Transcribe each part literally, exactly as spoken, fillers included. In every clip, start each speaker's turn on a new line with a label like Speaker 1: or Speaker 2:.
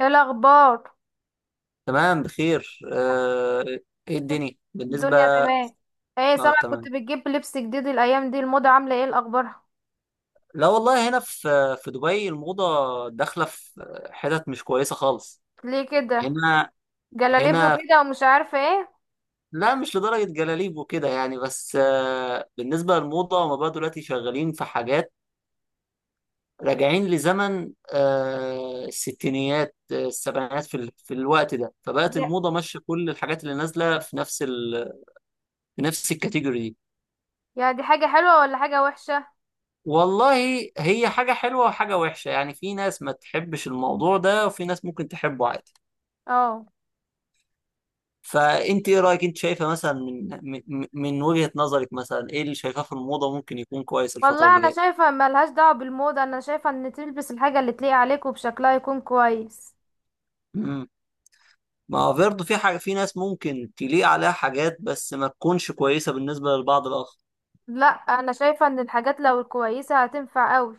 Speaker 1: ايه الاخبار؟
Speaker 2: تمام بخير آه، ايه الدنيا بالنسبة.
Speaker 1: الدنيا تمام. ايه
Speaker 2: اه
Speaker 1: سامع، كنت
Speaker 2: تمام.
Speaker 1: بتجيب لبس جديد الايام دي، الموضة عاملة ايه الاخبار؟
Speaker 2: لا والله هنا في في دبي الموضة داخلة في حتت مش كويسة خالص
Speaker 1: ليه كده؟
Speaker 2: هنا.
Speaker 1: جلاليبو
Speaker 2: هنا
Speaker 1: كده ومش عارفة ايه؟
Speaker 2: لا، مش لدرجة جلاليب وكده يعني، بس آه، بالنسبة للموضة هما بقى دلوقتي شغالين في حاجات راجعين لزمن آه، الستينيات، آه، السبعينات، في ال- في الوقت ده، فبقت
Speaker 1: دي-
Speaker 2: الموضة ماشية كل الحاجات اللي نازلة في نفس ال... في نفس الكاتيجوري دي.
Speaker 1: يا دي حاجة حلوة ولا حاجة وحشة؟
Speaker 2: والله هي حاجة حلوة وحاجة وحشة، يعني في ناس ما تحبش الموضوع ده وفي ناس ممكن تحبه عادي.
Speaker 1: اه.
Speaker 2: فانت ايه رأيك؟ انت شايفة مثلا من من من وجهة نظرك مثلا ايه اللي شايفاه في الموضة ممكن يكون كويس الفترة
Speaker 1: والله
Speaker 2: اللي
Speaker 1: انا
Speaker 2: جاية؟
Speaker 1: شايفة ملهاش دعوة بالموضة، انا شايفة ان تلبس الحاجة اللي تليق عليك وبشكلها يكون كويس.
Speaker 2: امم، ما هو برضه في حاجة، في ناس ممكن تليق عليها حاجات بس ما تكونش كويسة بالنسبة للبعض الآخر.
Speaker 1: لا، انا شايفة ان الحاجات لو الكويسة هتنفع قوي.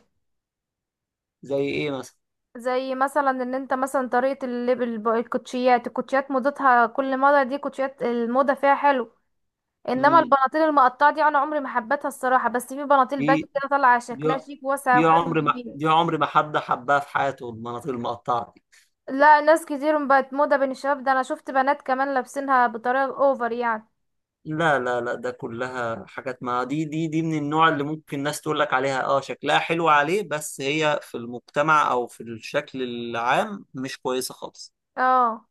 Speaker 2: زي ايه مثلا؟
Speaker 1: زي مثلا ان انت مثلا طريقة اللبس، الكوتشيات الكوتشيات موضتها، كل موضة دي كوتشيات، الموضة فيها حلو. انما
Speaker 2: امم،
Speaker 1: البناطيل المقطعه دي انا عمري ما حبيتها الصراحه، بس في بناطيل
Speaker 2: دي
Speaker 1: باجي كده طالعه
Speaker 2: دي
Speaker 1: شكلها شيك، واسعه
Speaker 2: دي
Speaker 1: وحلوه
Speaker 2: عمر ما،
Speaker 1: وجميله.
Speaker 2: دي عمر ما حد حبها في حياته المناطيل المقطعة.
Speaker 1: لا، ناس كتير بقت موضه بين الشباب ده، انا شفت بنات كمان لابسينها بطريقه اوفر يعني.
Speaker 2: لا لا لا، ده كلها حاجات، ما دي دي دي من النوع اللي ممكن الناس تقول لك عليها اه شكلها حلو عليه، بس هي في المجتمع او في الشكل العام مش كويسة خالص.
Speaker 1: اه.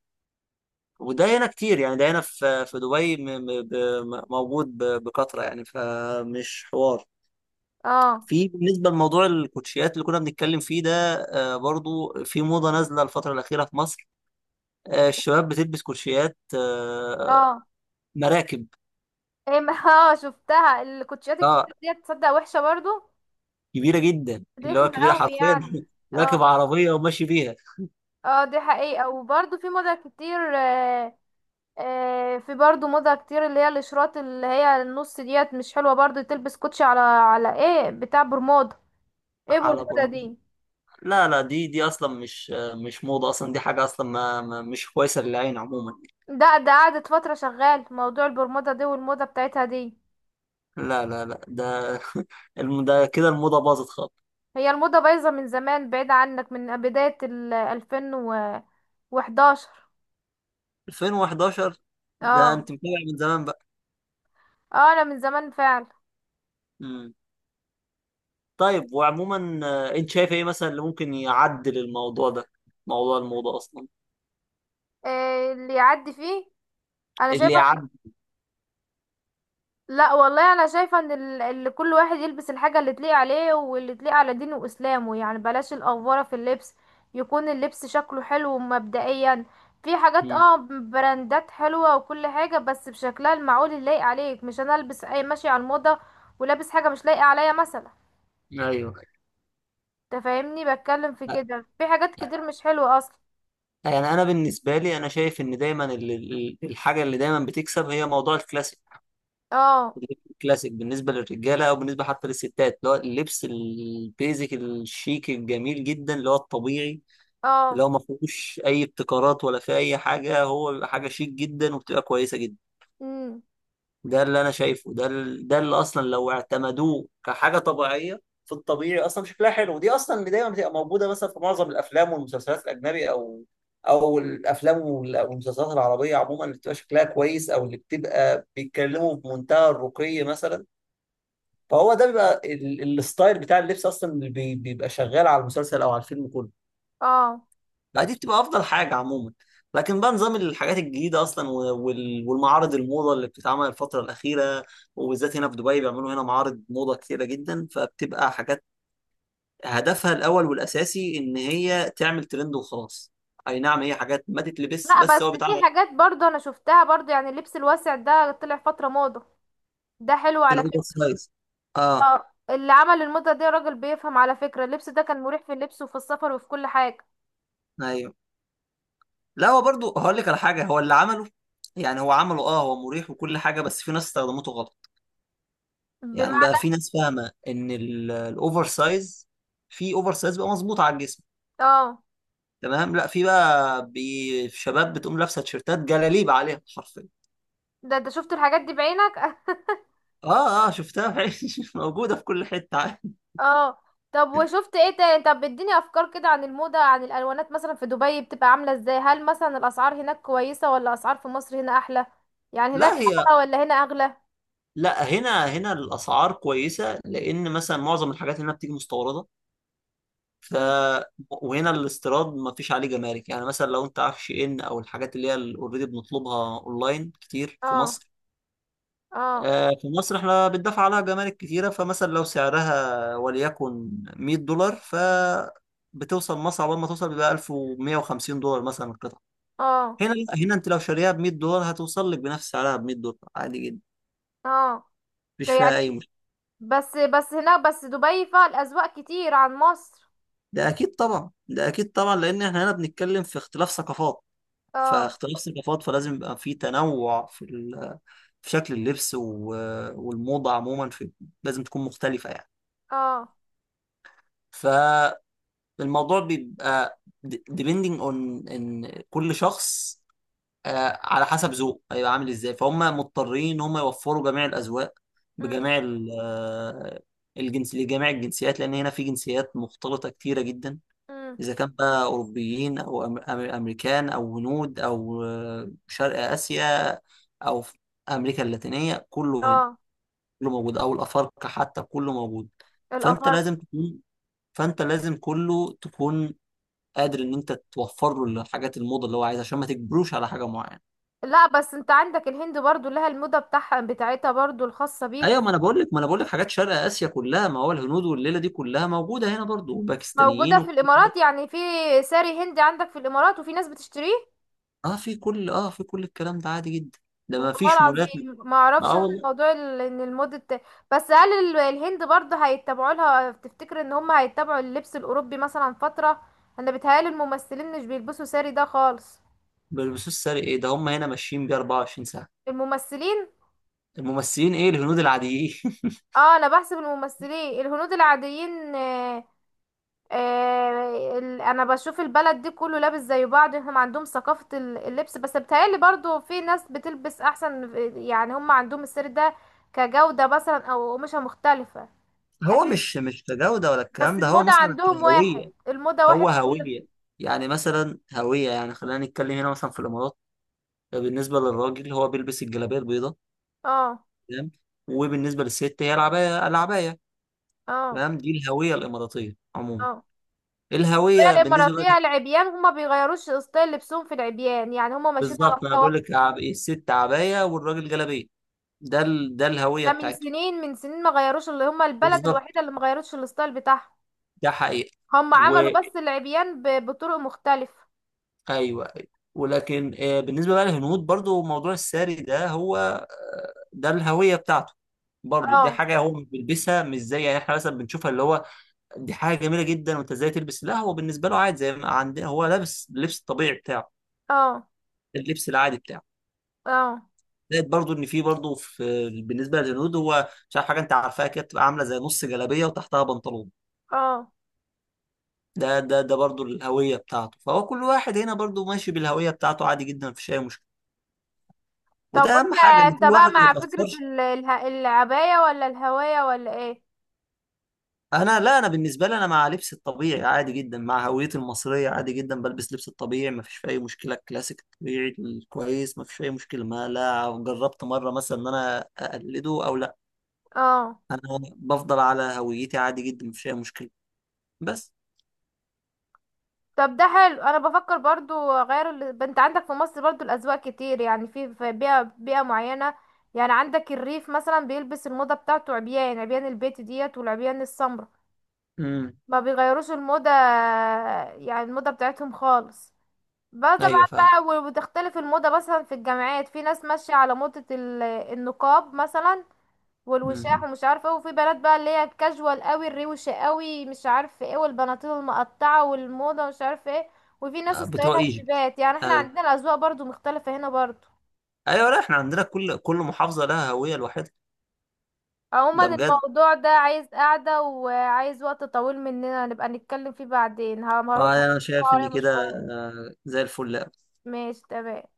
Speaker 2: وده هنا كتير، يعني ده هنا في في دبي م- م- ب- م- موجود ب- بكثرة، يعني فمش حوار
Speaker 1: اه.
Speaker 2: في. بالنسبة لموضوع الكوتشيات اللي كنا بنتكلم فيه ده، آه، برضو في موضة نازلة الفترة الأخيرة في مصر، آه، الشباب بتلبس كوتشيات آه،
Speaker 1: اه.
Speaker 2: مراكب.
Speaker 1: ايه ما- اه، شفتها الكوتشيات
Speaker 2: اه
Speaker 1: الكتير دي، تصدق وحشه برضو،
Speaker 2: كبيره جدا، اللي هو
Speaker 1: رخمه
Speaker 2: كبيره
Speaker 1: قوي
Speaker 2: حرفيا.
Speaker 1: يعني.
Speaker 2: راكب
Speaker 1: اه.
Speaker 2: عربيه وماشي بيها.
Speaker 1: اه، دي حقيقه، وبرضو في موضه كتير. آه آه في برضو موضه كتير، اللي هي الاشراط، اللي هي النص ديت، مش حلوه، برضو تلبس كوتشي على على ايه، بتاع برمودا. ايه
Speaker 2: على
Speaker 1: برمودا
Speaker 2: برمجه.
Speaker 1: دي؟
Speaker 2: لا لا، دي دي اصلا مش مش موضه اصلا، دي حاجه اصلا ما ما- مش كويسه للعين عموما.
Speaker 1: ده ده قعدت فترة شغال موضوع البرمودا دي والموضة بتاعتها دي.
Speaker 2: لا لا لا، ده الم- ده كده الموضه باظت خالص.
Speaker 1: هي الموضة بايظة من زمان، بعيد عنك، من بداية ال ألفين وحداشر.
Speaker 2: ألفين وحداشر، ده
Speaker 1: اه.
Speaker 2: انت متابع من زمان بقى.
Speaker 1: اه انا من زمان فعلا.
Speaker 2: مم. طيب، وعموما آه، انت شايف ايه مثلا اللي ممكن يعدل الموضوع ده، موضوع الموضه اصلا؟
Speaker 1: إيه اللي يعدي فيه؟ انا
Speaker 2: اللي
Speaker 1: شايفة،
Speaker 2: يعدل؟
Speaker 1: لا والله انا شايفه ان ال- اللي كل واحد يلبس الحاجه اللي تليق عليه واللي تليق على دينه واسلامه، يعني بلاش الافوره في اللبس، يكون اللبس شكله حلو مبدئيا. في حاجات،
Speaker 2: مم.
Speaker 1: اه، براندات حلوه وكل حاجه، بس بشكلها المعقول اللي لايق عليك، مش انا البس اي ماشي على الموضه ولابس حاجه مش لايقه عليا مثلا.
Speaker 2: ايوه.
Speaker 1: تفهمني بتكلم في كده، في حاجات كتير مش حلوه اصلا.
Speaker 2: يعني انا بالنسبه لي انا شايف ان دايما ال- ال- الحاجه اللي دايما بتكسب هي موضوع الكلاسيك.
Speaker 1: اه.
Speaker 2: الكلاسيك بالنسبه للرجاله او بالنسبه حتى للستات، اللي هو اللبس البيزك الشيك الجميل جدا اللي هو الطبيعي، اللي
Speaker 1: اه.
Speaker 2: هو ما فيهوش اي ابتكارات ولا في اي حاجه، هو بيبقى حاجه شيك جدا وبتبقى كويسه جدا.
Speaker 1: امم.
Speaker 2: ده اللي انا شايفه، ده ال- ده اللي اصلا لو اعتمدوه كحاجه طبيعيه في الطبيعي اصلا شكلها حلو، ودي اصلا اللي دايما بتبقى موجوده مثلا في معظم الافلام والمسلسلات الاجنبي، او او الافلام وال- والمسلسلات العربيه عموما اللي بتبقى شكلها كويس او اللي بتبقى بيتكلموا بمنتهى الرقي مثلا. فهو ده بيبقى ال- الستايل بتاع اللبس اصلا اللي بي- بيبقى شغال على المسلسل او على الفيلم كله.
Speaker 1: اه.
Speaker 2: لا، دي بتبقى افضل حاجه عموما. لكن بقى نظام الحاجات الجديده اصلا و- وال- والمعارض الموضه اللي بتتعمل الفتره الاخيره، وبالذات هنا في دبي بيعملوا هنا معارض موضه كتيره جدا، فبتبقى حاجات هدفها الاول والاساسي ان هي تعمل ترند وخلاص. اي نعم، هي حاجات ما تتلبس
Speaker 1: لا بس
Speaker 2: بس هو
Speaker 1: في
Speaker 2: بيتعمل.
Speaker 1: حاجات برضه انا شفتها برضه، يعني اللبس الواسع ده طلع فتره موضه، ده حلو على
Speaker 2: الاوفر
Speaker 1: فكرة.
Speaker 2: سايز، اه.
Speaker 1: اه، اللي عمل الموضة دي راجل بيفهم على فكرة، اللبس ده كان مريح في اللبس وفي السفر وفي كل حاجة.
Speaker 2: ايوه. لا هو برضو هقول لك على حاجه، هو اللي عمله يعني هو عمله اه هو مريح وكل حاجه، بس في ناس استخدمته غلط. يعني بقى
Speaker 1: بمعنى؟
Speaker 2: في ناس فاهمه ان الاوفر سايز، في اوفر سايز بقى مظبوط على الجسم
Speaker 1: اه.
Speaker 2: تمام، لا في بقى بي شباب بتقوم لابسه تيشيرتات جلاليب عليها حرفيا.
Speaker 1: ده ده شفت الحاجات دي بعينك
Speaker 2: اه اه، شفتها في عيني. موجوده في كل حته عادي.
Speaker 1: اه. طب وشفت ايه تاني؟ طب اديني افكار كده عن الموضة، عن الالوانات مثلا، في دبي بتبقى عاملة ازاي؟ هل مثلا الاسعار هناك كويسة ولا اسعار في مصر هنا احلى؟ يعني هناك
Speaker 2: لا هي
Speaker 1: احلى ولا هنا اغلى؟
Speaker 2: لا، هنا هنا الاسعار كويسه لان مثلا معظم الحاجات هنا بتيجي مستورده. ف
Speaker 1: مم.
Speaker 2: وهنا الاستيراد ما فيش عليه جمارك، يعني مثلا لو انت عارف شي ان او الحاجات اللي هي اوريدي بنطلبها اونلاين كتير في
Speaker 1: اه.
Speaker 2: مصر،
Speaker 1: اه.
Speaker 2: آه، في مصر احنا بندفع عليها جمارك كتيرة. فمثلا لو سعرها وليكن مئة دولار، ف بتوصل مصر، عقبال ما توصل بيبقى ألف ومية وخمسين دولار مثلا القطعة.
Speaker 1: اه.
Speaker 2: هنا لا، هنا انت لو شاريها ب مئة دولار هتوصل لك بنفس سعرها ب مئة دولار عادي جدا،
Speaker 1: اه. ده
Speaker 2: مفيش
Speaker 1: يعني
Speaker 2: فيها اي مشكلة.
Speaker 1: بس بس هناك، بس دبي فيها الاذواق كتير عن مصر.
Speaker 2: ده اكيد طبعا، ده اكيد طبعا، لان احنا هنا بنتكلم في اختلاف ثقافات.
Speaker 1: اه.
Speaker 2: فاختلاف ثقافات فلازم يبقى في تنوع في ال... في شكل اللبس و... والموضة عموما في... لازم تكون مختلفة يعني.
Speaker 1: اه.
Speaker 2: ف الموضوع بيبقى depending on ان كل شخص آه، على حسب ذوقه هيبقى عامل ازاي، فهم مضطرين ان هم يوفروا جميع الاذواق
Speaker 1: مم.
Speaker 2: بجميع ال- آه، الجنس، لجميع الجنسيات، لان هنا في جنسيات مختلطه كتيره جدا.
Speaker 1: مم.
Speaker 2: اذا كان بقى اوروبيين او أم- أم- امريكان او هنود او آه، شرق اسيا او في امريكا اللاتينيه، كله هنا،
Speaker 1: اه
Speaker 2: كله موجود، او الافارقه حتى كله موجود. فانت
Speaker 1: الافارقة.
Speaker 2: لازم تكون فانت لازم كله تكون قادر ان انت توفر له الحاجات الموضه اللي هو عايزها، عشان ما تجبروش على حاجه معينه.
Speaker 1: لا بس انت عندك الهند برضو لها الموضة بتاعها بتاعتها برضو الخاصة بيها.
Speaker 2: ايوه، ما انا بقول لك ما انا بقول لك حاجات شرق اسيا كلها، ما هو الهنود والليله دي كلها موجوده هنا برضو،
Speaker 1: موجودة
Speaker 2: وباكستانيين
Speaker 1: في
Speaker 2: وكل ده.
Speaker 1: الامارات يعني، في ساري هندي عندك في الامارات وفي ناس بتشتريه.
Speaker 2: اه في كل، اه في كل الكلام ده عادي جدا، ده ما
Speaker 1: والله
Speaker 2: فيش مولات.
Speaker 1: العظيم ما
Speaker 2: ما
Speaker 1: اعرفش
Speaker 2: اه
Speaker 1: انا
Speaker 2: والله.
Speaker 1: الموضوع ال- ان الموضة الت- بس هل ال- الهند برضو هيتبعوا لها، تفتكر ان هم هيتبعوا اللبس الاوروبي مثلا فترة؟ انا بيتهيألي الممثلين مش بيلبسوا ساري ده خالص.
Speaker 2: ما بيلبسوش ساري؟ ايه ده، هم هنا ماشيين بيه اربعه وعشرين ساعه.
Speaker 1: الممثلين؟
Speaker 2: الممثلين ايه، الهنود العاديين.
Speaker 1: اه انا بحسب الممثلين الهنود العاديين. آه، آه، ال- انا بشوف البلد دي كله لابس زي بعض، هم عندهم ثقافة ال- اللبس، بس بتهيألي برضو في ناس بتلبس احسن. يعني هم عندهم السر ده كجودة مثلا او قماشة مختلفة.
Speaker 2: هو
Speaker 1: اكيد.
Speaker 2: مش مش كجوده ولا
Speaker 1: بس
Speaker 2: الكلام ده، هو
Speaker 1: الموضة
Speaker 2: مثلا
Speaker 1: عندهم
Speaker 2: كهويه.
Speaker 1: واحد، الموضة واحد،
Speaker 2: هو
Speaker 1: كل.
Speaker 2: هويه، يعني مثلا هويه، يعني خلينا نتكلم هنا مثلا في الامارات. بالنسبه للراجل هو بيلبس الجلابيه البيضاء
Speaker 1: اه.
Speaker 2: تمام، وبالنسبه للست هي العبايه العبايه
Speaker 1: اه.
Speaker 2: تمام، دي الهويه الاماراتيه عموما.
Speaker 1: اه. هي
Speaker 2: الهويه بالنسبه
Speaker 1: الاماراتية
Speaker 2: لك.
Speaker 1: العبيان هما بيغيروش ستايل لبسهم في العبيان، يعني هما ماشيين على
Speaker 2: بالظبط، انا
Speaker 1: موضة
Speaker 2: بقول
Speaker 1: واحدة.
Speaker 2: لك عب... الست عبايه والراجل جلابيه، ده ال... ده الهويه
Speaker 1: ده من
Speaker 2: بتاعتهم.
Speaker 1: سنين، من سنين ما غيروش، اللي هما البلد
Speaker 2: بالظبط،
Speaker 1: الوحيدة اللي ما غيروش الستايل بتاعها.
Speaker 2: ده حقيقه.
Speaker 1: هما
Speaker 2: و
Speaker 1: عملوا بس العبيان ب- بطرق مختلفة.
Speaker 2: ايوه، أيوة. ولكن آه، بالنسبه بقى للهنود برضو موضوع الساري ده هو آه، ده الهويه بتاعته. برضو دي
Speaker 1: اه.
Speaker 2: حاجه هو مش بيلبسها مش زي يعني احنا مثلا بنشوفها اللي هو دي حاجه جميله جدا وانت ازاي تلبس، لا هو بالنسبه له عادي زي ما عندنا، هو لابس اللبس الطبيعي بتاعه،
Speaker 1: اه.
Speaker 2: اللبس العادي بتاعه.
Speaker 1: اه.
Speaker 2: زائد برضو ان في برضو في بالنسبه للهنود، هو مش عارف حاجه انت عارفاها كده بتبقى عامله زي نص جلابيه وتحتها بنطلون،
Speaker 1: اه.
Speaker 2: ده ده ده برضو الهويه بتاعته. فهو كل واحد هنا برضو ماشي بالهويه بتاعته عادي جدا، مفيش اي مشكله.
Speaker 1: طب
Speaker 2: وده
Speaker 1: وانت،
Speaker 2: اهم حاجه، ان
Speaker 1: انت
Speaker 2: كل واحد
Speaker 1: بقى
Speaker 2: ما
Speaker 1: مع فكرة
Speaker 2: يتاثرش.
Speaker 1: ال- اله- العباية ولا الهواية ولا ايه؟
Speaker 2: انا لا، انا بالنسبه لي انا مع لبس الطبيعي عادي جدا، مع هويتي المصريه عادي جدا بلبس لبس الطبيعي، ما فيش اي مشكله، الكلاسيك الطبيعي الكويس، ما فيش اي مشكله، ما لا جربت مره مثلا ان انا اقلده او لا.
Speaker 1: اه.
Speaker 2: انا بفضل على هويتي عادي جدا، ما فيش اي مشكله بس.
Speaker 1: طب ده حلو، انا بفكر برضو اغير ال... انت عندك في مصر برضو الاذواق كتير، يعني في، في بيئة بيئة معينة. يعني عندك الريف مثلا بيلبس الموضة بتاعته، عبيان، عبيان البيت ديت والعبيان السمراء،
Speaker 2: امم.
Speaker 1: ما بيغيروش الموضة، يعني الموضة بتاعتهم خالص. بقى طبعا
Speaker 2: ايوه فاهم.
Speaker 1: بقى، و- وتختلف الموضة مثلا في الجامعات، في ناس ماشية على موضة ال- النقاب مثلا والوشاح
Speaker 2: امم.
Speaker 1: ومش عارفه ايه، وفي بنات بقى اللي هي الكاجوال قوي الروشه قوي مش عارفه ايه، والبناطيل المقطعه والموضه مش عارفه ايه، وفي ناس
Speaker 2: آه، بتوع
Speaker 1: ستايلها
Speaker 2: ايجيبت.
Speaker 1: جليبات. يعني احنا
Speaker 2: ايوه
Speaker 1: عندنا الاذواق برضو مختلفه هنا برضو.
Speaker 2: ايوه، لا احنا عندنا كل كل محافظه لها هويه لوحدها.
Speaker 1: عموما
Speaker 2: ده بجد،
Speaker 1: الموضوع ده عايز قعده وعايز وقت طويل مننا نبقى نتكلم فيه بعدين، ه- هروح بس،
Speaker 2: اه انا شايف
Speaker 1: هروح
Speaker 2: ان كده
Speaker 1: مشوار.
Speaker 2: آه، زي الفل أوي.
Speaker 1: ماشي، تمام.